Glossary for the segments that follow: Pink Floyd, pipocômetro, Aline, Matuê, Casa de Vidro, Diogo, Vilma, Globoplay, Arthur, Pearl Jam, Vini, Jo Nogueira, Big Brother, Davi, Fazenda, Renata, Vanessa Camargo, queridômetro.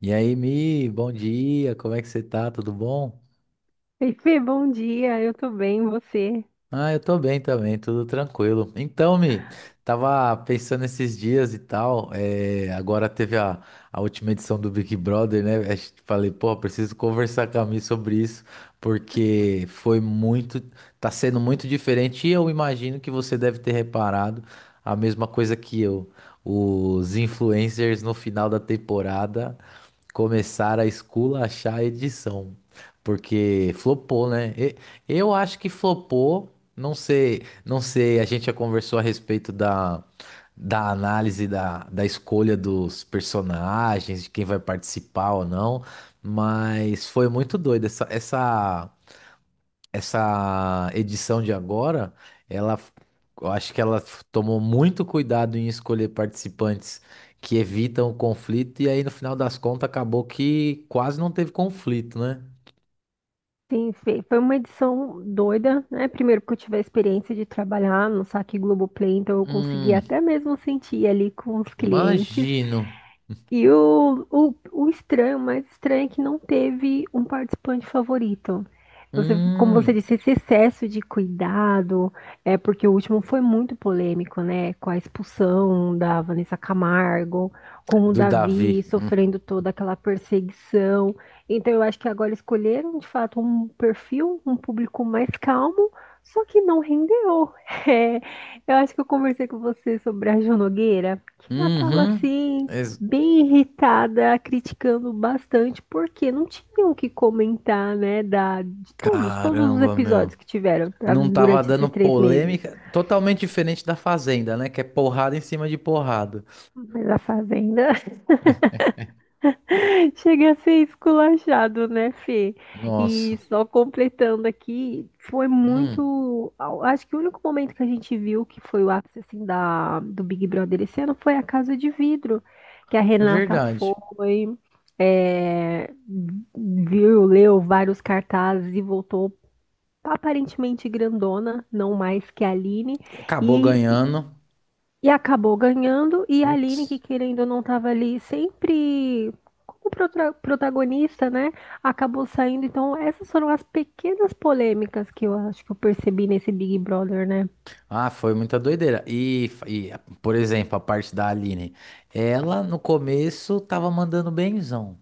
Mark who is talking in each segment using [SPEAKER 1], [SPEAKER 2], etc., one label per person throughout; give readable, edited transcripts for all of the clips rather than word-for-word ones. [SPEAKER 1] E aí, Mi, bom dia, como é que você tá? Tudo bom?
[SPEAKER 2] Oi, Fê, bom dia, eu tô bem, você?
[SPEAKER 1] Ah, eu tô bem também, tudo tranquilo. Então, Mi, tava pensando esses dias e tal, agora teve a última edição do Big Brother, né? Acho que falei, pô, preciso conversar com a Mi sobre isso, porque foi muito, tá sendo muito diferente e eu imagino que você deve ter reparado a mesma coisa que eu. Os influencers no final da temporada começaram a esculachar a edição. Porque flopou, né? Eu acho que flopou. Não sei, não sei, a gente já conversou a respeito da análise da escolha dos personagens, de quem vai participar ou não, mas foi muito doido essa essa edição de agora, ela, eu acho que ela tomou muito cuidado em escolher participantes que evitam o conflito, e aí no final das contas acabou que quase não teve conflito, né?
[SPEAKER 2] Sim, Fê, foi uma edição doida, né? Primeiro porque eu tive a experiência de trabalhar no saque Globoplay, então eu consegui
[SPEAKER 1] Hum,
[SPEAKER 2] até mesmo sentir ali com os clientes.
[SPEAKER 1] imagino.
[SPEAKER 2] E o estranho, o mais estranho é que não teve um participante favorito. Você, como você
[SPEAKER 1] Hum,
[SPEAKER 2] disse, esse excesso de cuidado, é porque o último foi muito polêmico, né? Com a expulsão da Vanessa Camargo, com o
[SPEAKER 1] do Davi.
[SPEAKER 2] Davi sofrendo toda aquela perseguição. Então eu acho que agora escolheram, de fato, um perfil, um público mais calmo, só que não rendeu. É, eu acho que eu conversei com você sobre a Jo Nogueira, que ela tava
[SPEAKER 1] Uhum.
[SPEAKER 2] assim
[SPEAKER 1] Ex-
[SPEAKER 2] bem irritada, criticando bastante, porque não tinham o que comentar, né, de todos, todos os
[SPEAKER 1] Caramba,
[SPEAKER 2] episódios
[SPEAKER 1] meu.
[SPEAKER 2] que tiveram tá,
[SPEAKER 1] Não tava
[SPEAKER 2] durante
[SPEAKER 1] dando
[SPEAKER 2] esses três meses.
[SPEAKER 1] polêmica, totalmente diferente da Fazenda, né? Que é porrada em cima de porrada.
[SPEAKER 2] Mas a Fazenda chega a ser esculachado, né, Fê?
[SPEAKER 1] Nossa.
[SPEAKER 2] E só completando aqui, foi
[SPEAKER 1] Hum,
[SPEAKER 2] muito. Acho que o único momento que a gente viu que foi o ápice assim, do Big Brother esse ano foi a Casa de Vidro, que a Renata
[SPEAKER 1] verdade.
[SPEAKER 2] foi, é, viu, leu vários cartazes e voltou aparentemente grandona, não mais que a Aline,
[SPEAKER 1] E acabou
[SPEAKER 2] e
[SPEAKER 1] ganhando.
[SPEAKER 2] acabou ganhando, e a Aline, que
[SPEAKER 1] Putz.
[SPEAKER 2] querendo ou não estava ali sempre como protagonista, né? Acabou saindo. Então, essas foram as pequenas polêmicas que eu acho que eu percebi nesse Big Brother, né?
[SPEAKER 1] Ah, foi muita doideira. E, por exemplo, a parte da Aline. Ela, no começo, tava mandando benzão.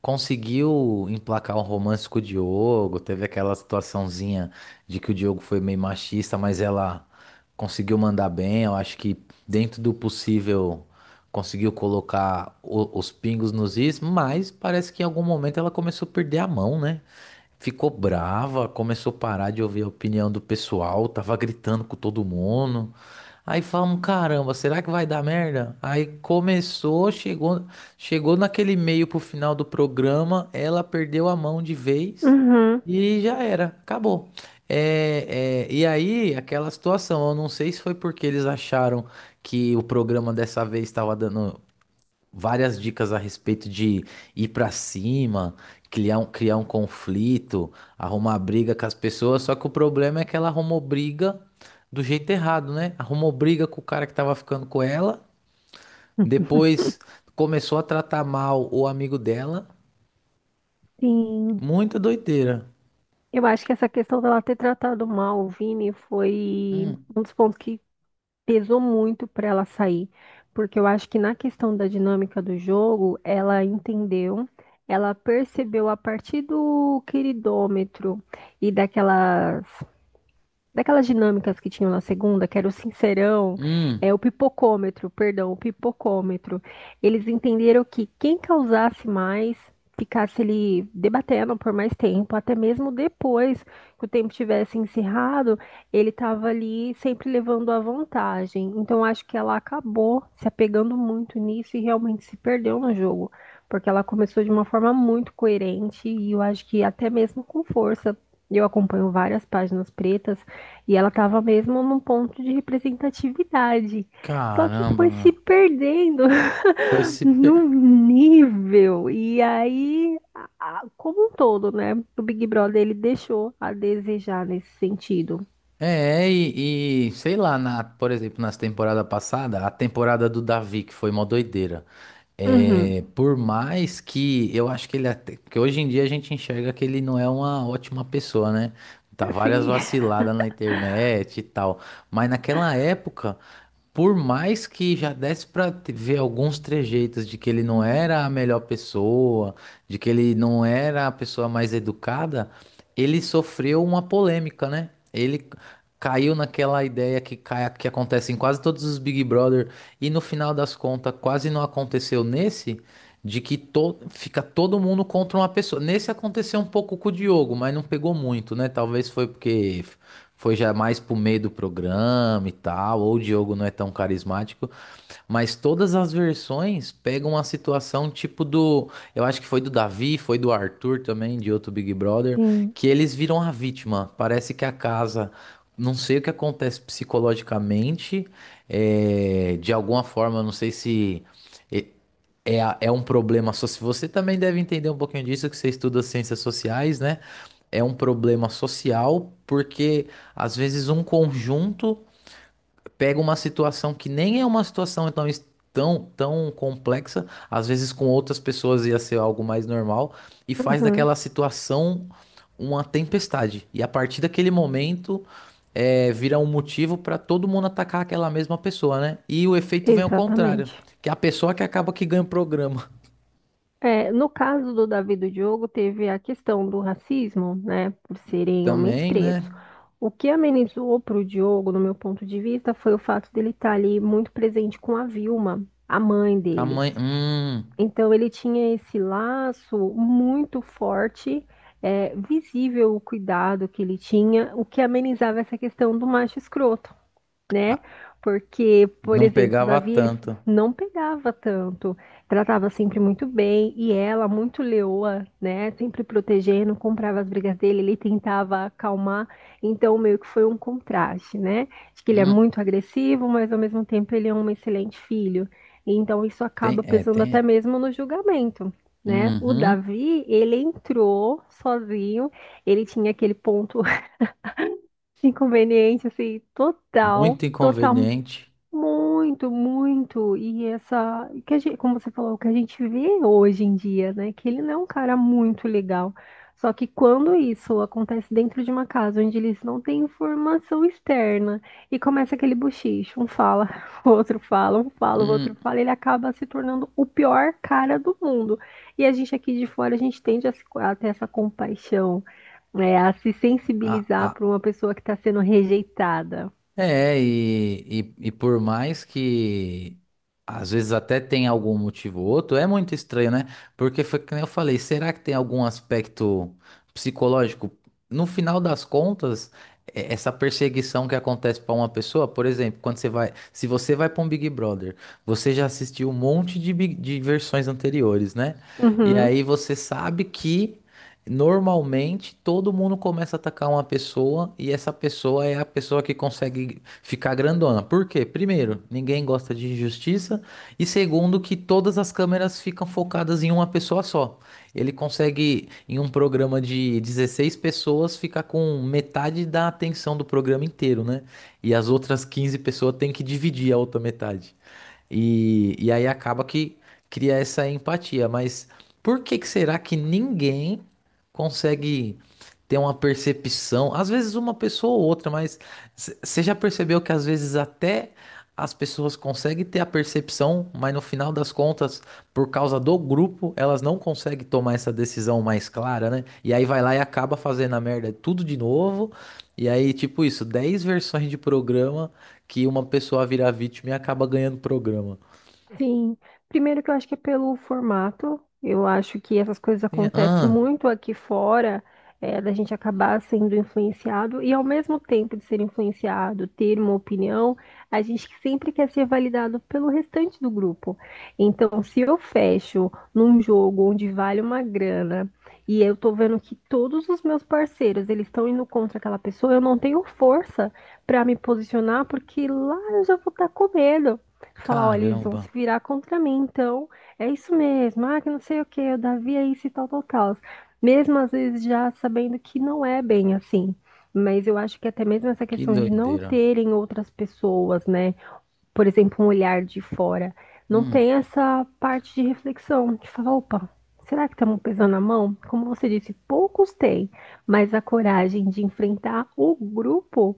[SPEAKER 1] Conseguiu emplacar um romance com o Diogo. Teve aquela situaçãozinha de que o Diogo foi meio machista, mas ela conseguiu mandar bem. Eu acho que, dentro do possível, conseguiu colocar os pingos nos is. Mas parece que em algum momento ela começou a perder a mão, né? Ficou brava, começou a parar de ouvir a opinião do pessoal, tava gritando com todo mundo. Aí falamos, caramba, será que vai dar merda? Aí começou, chegou, chegou naquele meio pro final do programa, ela perdeu a mão de vez
[SPEAKER 2] Uhum.
[SPEAKER 1] e já era, acabou. É, é, e aí, aquela situação, eu não sei se foi porque eles acharam que o programa dessa vez estava dando várias dicas a respeito de ir pra cima, criar um conflito, arrumar briga com as pessoas. Só que o problema é que ela arrumou briga do jeito errado, né? Arrumou briga com o cara que tava ficando com ela, depois começou a tratar mal o amigo dela.
[SPEAKER 2] Sim.
[SPEAKER 1] Muita doideira.
[SPEAKER 2] Eu acho que essa questão dela ter tratado mal o Vini foi
[SPEAKER 1] Hum,
[SPEAKER 2] um dos pontos que pesou muito para ela sair, porque eu acho que na questão da dinâmica do jogo, ela entendeu, ela percebeu a partir do queridômetro e daquelas dinâmicas que tinham na segunda, que era o sincerão,
[SPEAKER 1] hum,
[SPEAKER 2] é, o pipocômetro, perdão, o pipocômetro. Eles entenderam que quem causasse mais ficasse ali debatendo por mais tempo, até mesmo depois que o tempo tivesse encerrado, ele estava ali sempre levando a vantagem. Então acho que ela acabou se apegando muito nisso e realmente se perdeu no jogo. Porque ela começou de uma forma muito coerente e eu acho que até mesmo com força. Eu acompanho várias páginas pretas e ela estava mesmo num ponto de representatividade. Só que
[SPEAKER 1] caramba,
[SPEAKER 2] foi se
[SPEAKER 1] meu.
[SPEAKER 2] perdendo
[SPEAKER 1] Foi se.
[SPEAKER 2] num nível. E aí, como um todo, né? O Big Brother ele deixou a desejar nesse sentido.
[SPEAKER 1] É, e, sei lá, na, por exemplo, nas temporada passada, a temporada do Davi, que foi uma doideira.
[SPEAKER 2] Uhum.
[SPEAKER 1] É, por mais que eu acho que ele até, que hoje em dia a gente enxerga que ele não é uma ótima pessoa, né? Tá várias
[SPEAKER 2] Sim.
[SPEAKER 1] vaciladas na internet e tal. Mas naquela época, por mais que já desse pra ver alguns trejeitos de que ele não era a melhor pessoa, de que ele não era a pessoa mais educada, ele sofreu uma polêmica, né? Ele caiu naquela ideia que, cai, que acontece em quase todos os Big Brother e no final das contas quase não aconteceu nesse, de que to, fica todo mundo contra uma pessoa. Nesse aconteceu um pouco com o Diogo, mas não pegou muito, né? Talvez foi porque foi já mais pro meio do programa e tal, ou o Diogo não é tão carismático, mas todas as versões pegam a situação tipo do. Eu acho que foi do Davi, foi do Arthur também, de outro Big Brother,
[SPEAKER 2] Sim.
[SPEAKER 1] que eles viram a vítima. Parece que a casa. Não sei o que acontece psicologicamente, é, de alguma forma, não sei se é, é um problema. Só se você também deve entender um pouquinho disso, que você estuda ciências sociais, né? É um problema social, porque às vezes um conjunto pega uma situação que nem é uma situação tão, tão complexa, às vezes com outras pessoas ia ser algo mais normal, e faz
[SPEAKER 2] Uhum.
[SPEAKER 1] daquela situação uma tempestade. E a partir daquele momento, é, vira um motivo para todo mundo atacar aquela mesma pessoa, né? E o efeito vem ao contrário,
[SPEAKER 2] Exatamente.
[SPEAKER 1] que é a pessoa que acaba que ganha o programa.
[SPEAKER 2] É, no caso do Davi e do Diogo, teve a questão do racismo, né, por serem homens
[SPEAKER 1] Também,
[SPEAKER 2] pretos.
[SPEAKER 1] né?
[SPEAKER 2] O que amenizou para o Diogo, no meu ponto de vista, foi o fato dele estar ali muito presente com a Vilma, a mãe
[SPEAKER 1] Com a
[SPEAKER 2] dele.
[SPEAKER 1] mãe,
[SPEAKER 2] Então, ele tinha esse laço muito forte, é, visível o cuidado que ele tinha, o que amenizava essa questão do macho escroto, né?
[SPEAKER 1] ah,
[SPEAKER 2] Porque, por
[SPEAKER 1] não
[SPEAKER 2] exemplo,
[SPEAKER 1] pegava
[SPEAKER 2] Davi, ele
[SPEAKER 1] tanto.
[SPEAKER 2] não pegava tanto, tratava sempre muito bem, e ela, muito leoa, né? Sempre protegendo, comprava as brigas dele, ele tentava acalmar, então meio que foi um contraste, né? De que ele é
[SPEAKER 1] Hum,
[SPEAKER 2] muito agressivo, mas ao mesmo tempo ele é um excelente filho. Então isso
[SPEAKER 1] tem,
[SPEAKER 2] acaba
[SPEAKER 1] é,
[SPEAKER 2] pesando
[SPEAKER 1] tem.
[SPEAKER 2] até
[SPEAKER 1] É.
[SPEAKER 2] mesmo no julgamento. Né? O
[SPEAKER 1] Uhum,
[SPEAKER 2] Davi, ele entrou sozinho, ele tinha aquele ponto inconveniente, assim, total,
[SPEAKER 1] muito
[SPEAKER 2] total
[SPEAKER 1] inconveniente.
[SPEAKER 2] muito, muito. E essa, que a gente, como você falou, o que a gente vê hoje em dia, né? Que ele não é um cara muito legal. Só que quando isso acontece dentro de uma casa onde eles não têm informação externa e começa aquele bochicho, um fala, o outro fala, um fala, o outro
[SPEAKER 1] Hum,
[SPEAKER 2] fala, ele acaba se tornando o pior cara do mundo. E a gente aqui de fora, a gente tende a, a ter essa compaixão, né? A se
[SPEAKER 1] Ah,
[SPEAKER 2] sensibilizar
[SPEAKER 1] ah,
[SPEAKER 2] para uma pessoa que está sendo rejeitada.
[SPEAKER 1] é, e por mais que às vezes até tem algum motivo ou outro, é muito estranho, né? Porque foi que nem eu falei, será que tem algum aspecto psicológico? No final das contas, essa perseguição que acontece para uma pessoa, por exemplo, quando você vai, se você vai para um Big Brother, você já assistiu um monte de, de versões anteriores, né? E
[SPEAKER 2] Uhum.
[SPEAKER 1] aí você sabe que. Normalmente, todo mundo começa a atacar uma pessoa e essa pessoa é a pessoa que consegue ficar grandona. Por quê? Primeiro, ninguém gosta de injustiça e segundo, que todas as câmeras ficam focadas em uma pessoa só. Ele consegue, em um programa de 16 pessoas, ficar com metade da atenção do programa inteiro, né? E as outras 15 pessoas têm que dividir a outra metade. E aí acaba que cria essa empatia. Mas por que que será que ninguém consegue ter uma percepção? Às vezes uma pessoa ou outra, mas você já percebeu que às vezes até as pessoas conseguem ter a percepção, mas no final das contas, por causa do grupo, elas não conseguem tomar essa decisão mais clara, né? E aí vai lá e acaba fazendo a merda tudo de novo. E aí, tipo isso, 10 versões de programa que uma pessoa vira vítima e acaba ganhando programa.
[SPEAKER 2] Sim, primeiro que eu acho que é pelo formato, eu acho que essas coisas acontecem
[SPEAKER 1] Ah,
[SPEAKER 2] muito aqui fora, é, da gente acabar sendo influenciado e ao mesmo tempo de ser influenciado, ter uma opinião, a gente sempre quer ser validado pelo restante do grupo. Então, se eu fecho num jogo onde vale uma grana e eu tô vendo que todos os meus parceiros eles estão indo contra aquela pessoa, eu não tenho força para me posicionar porque lá eu já vou estar com medo. Falar, olha, eles vão se
[SPEAKER 1] caramba,
[SPEAKER 2] virar contra mim, então é isso mesmo, ah, que não sei o que, o Davi é isso e tal, tal, tal. Mesmo às vezes já sabendo que não é bem assim. Mas eu acho que até mesmo essa
[SPEAKER 1] que
[SPEAKER 2] questão de não
[SPEAKER 1] doideira.
[SPEAKER 2] terem outras pessoas, né? Por exemplo, um olhar de fora, não
[SPEAKER 1] Hum,
[SPEAKER 2] tem essa parte de reflexão, de falar, opa, será que estamos pesando a mão? Como você disse, poucos têm, mas a coragem de enfrentar o grupo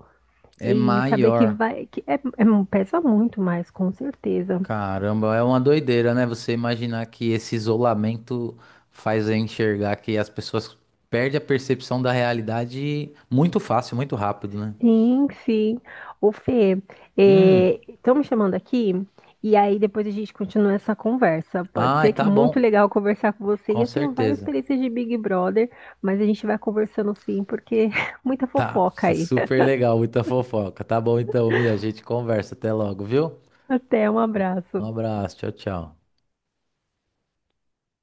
[SPEAKER 1] é
[SPEAKER 2] e saber que
[SPEAKER 1] maior.
[SPEAKER 2] vai, é, um, pesa muito mais, com certeza.
[SPEAKER 1] Caramba, é uma doideira, né? Você imaginar que esse isolamento faz eu enxergar que as pessoas perdem a percepção da realidade muito fácil, muito rápido, né?
[SPEAKER 2] Sim, sim. Ô, Fê,
[SPEAKER 1] Hum,
[SPEAKER 2] estão me chamando aqui e aí depois a gente continua essa conversa. Pode
[SPEAKER 1] ai,
[SPEAKER 2] ser que é
[SPEAKER 1] tá
[SPEAKER 2] muito
[SPEAKER 1] bom,
[SPEAKER 2] legal conversar com você. E
[SPEAKER 1] com
[SPEAKER 2] eu tenho várias
[SPEAKER 1] certeza.
[SPEAKER 2] experiências de Big Brother, mas a gente vai conversando sim, porque muita
[SPEAKER 1] Tá,
[SPEAKER 2] fofoca aí.
[SPEAKER 1] super legal, muita fofoca. Tá bom então, Mia, a gente conversa. Até logo, viu?
[SPEAKER 2] Até, um
[SPEAKER 1] Um
[SPEAKER 2] abraço.
[SPEAKER 1] abraço, tchau, tchau.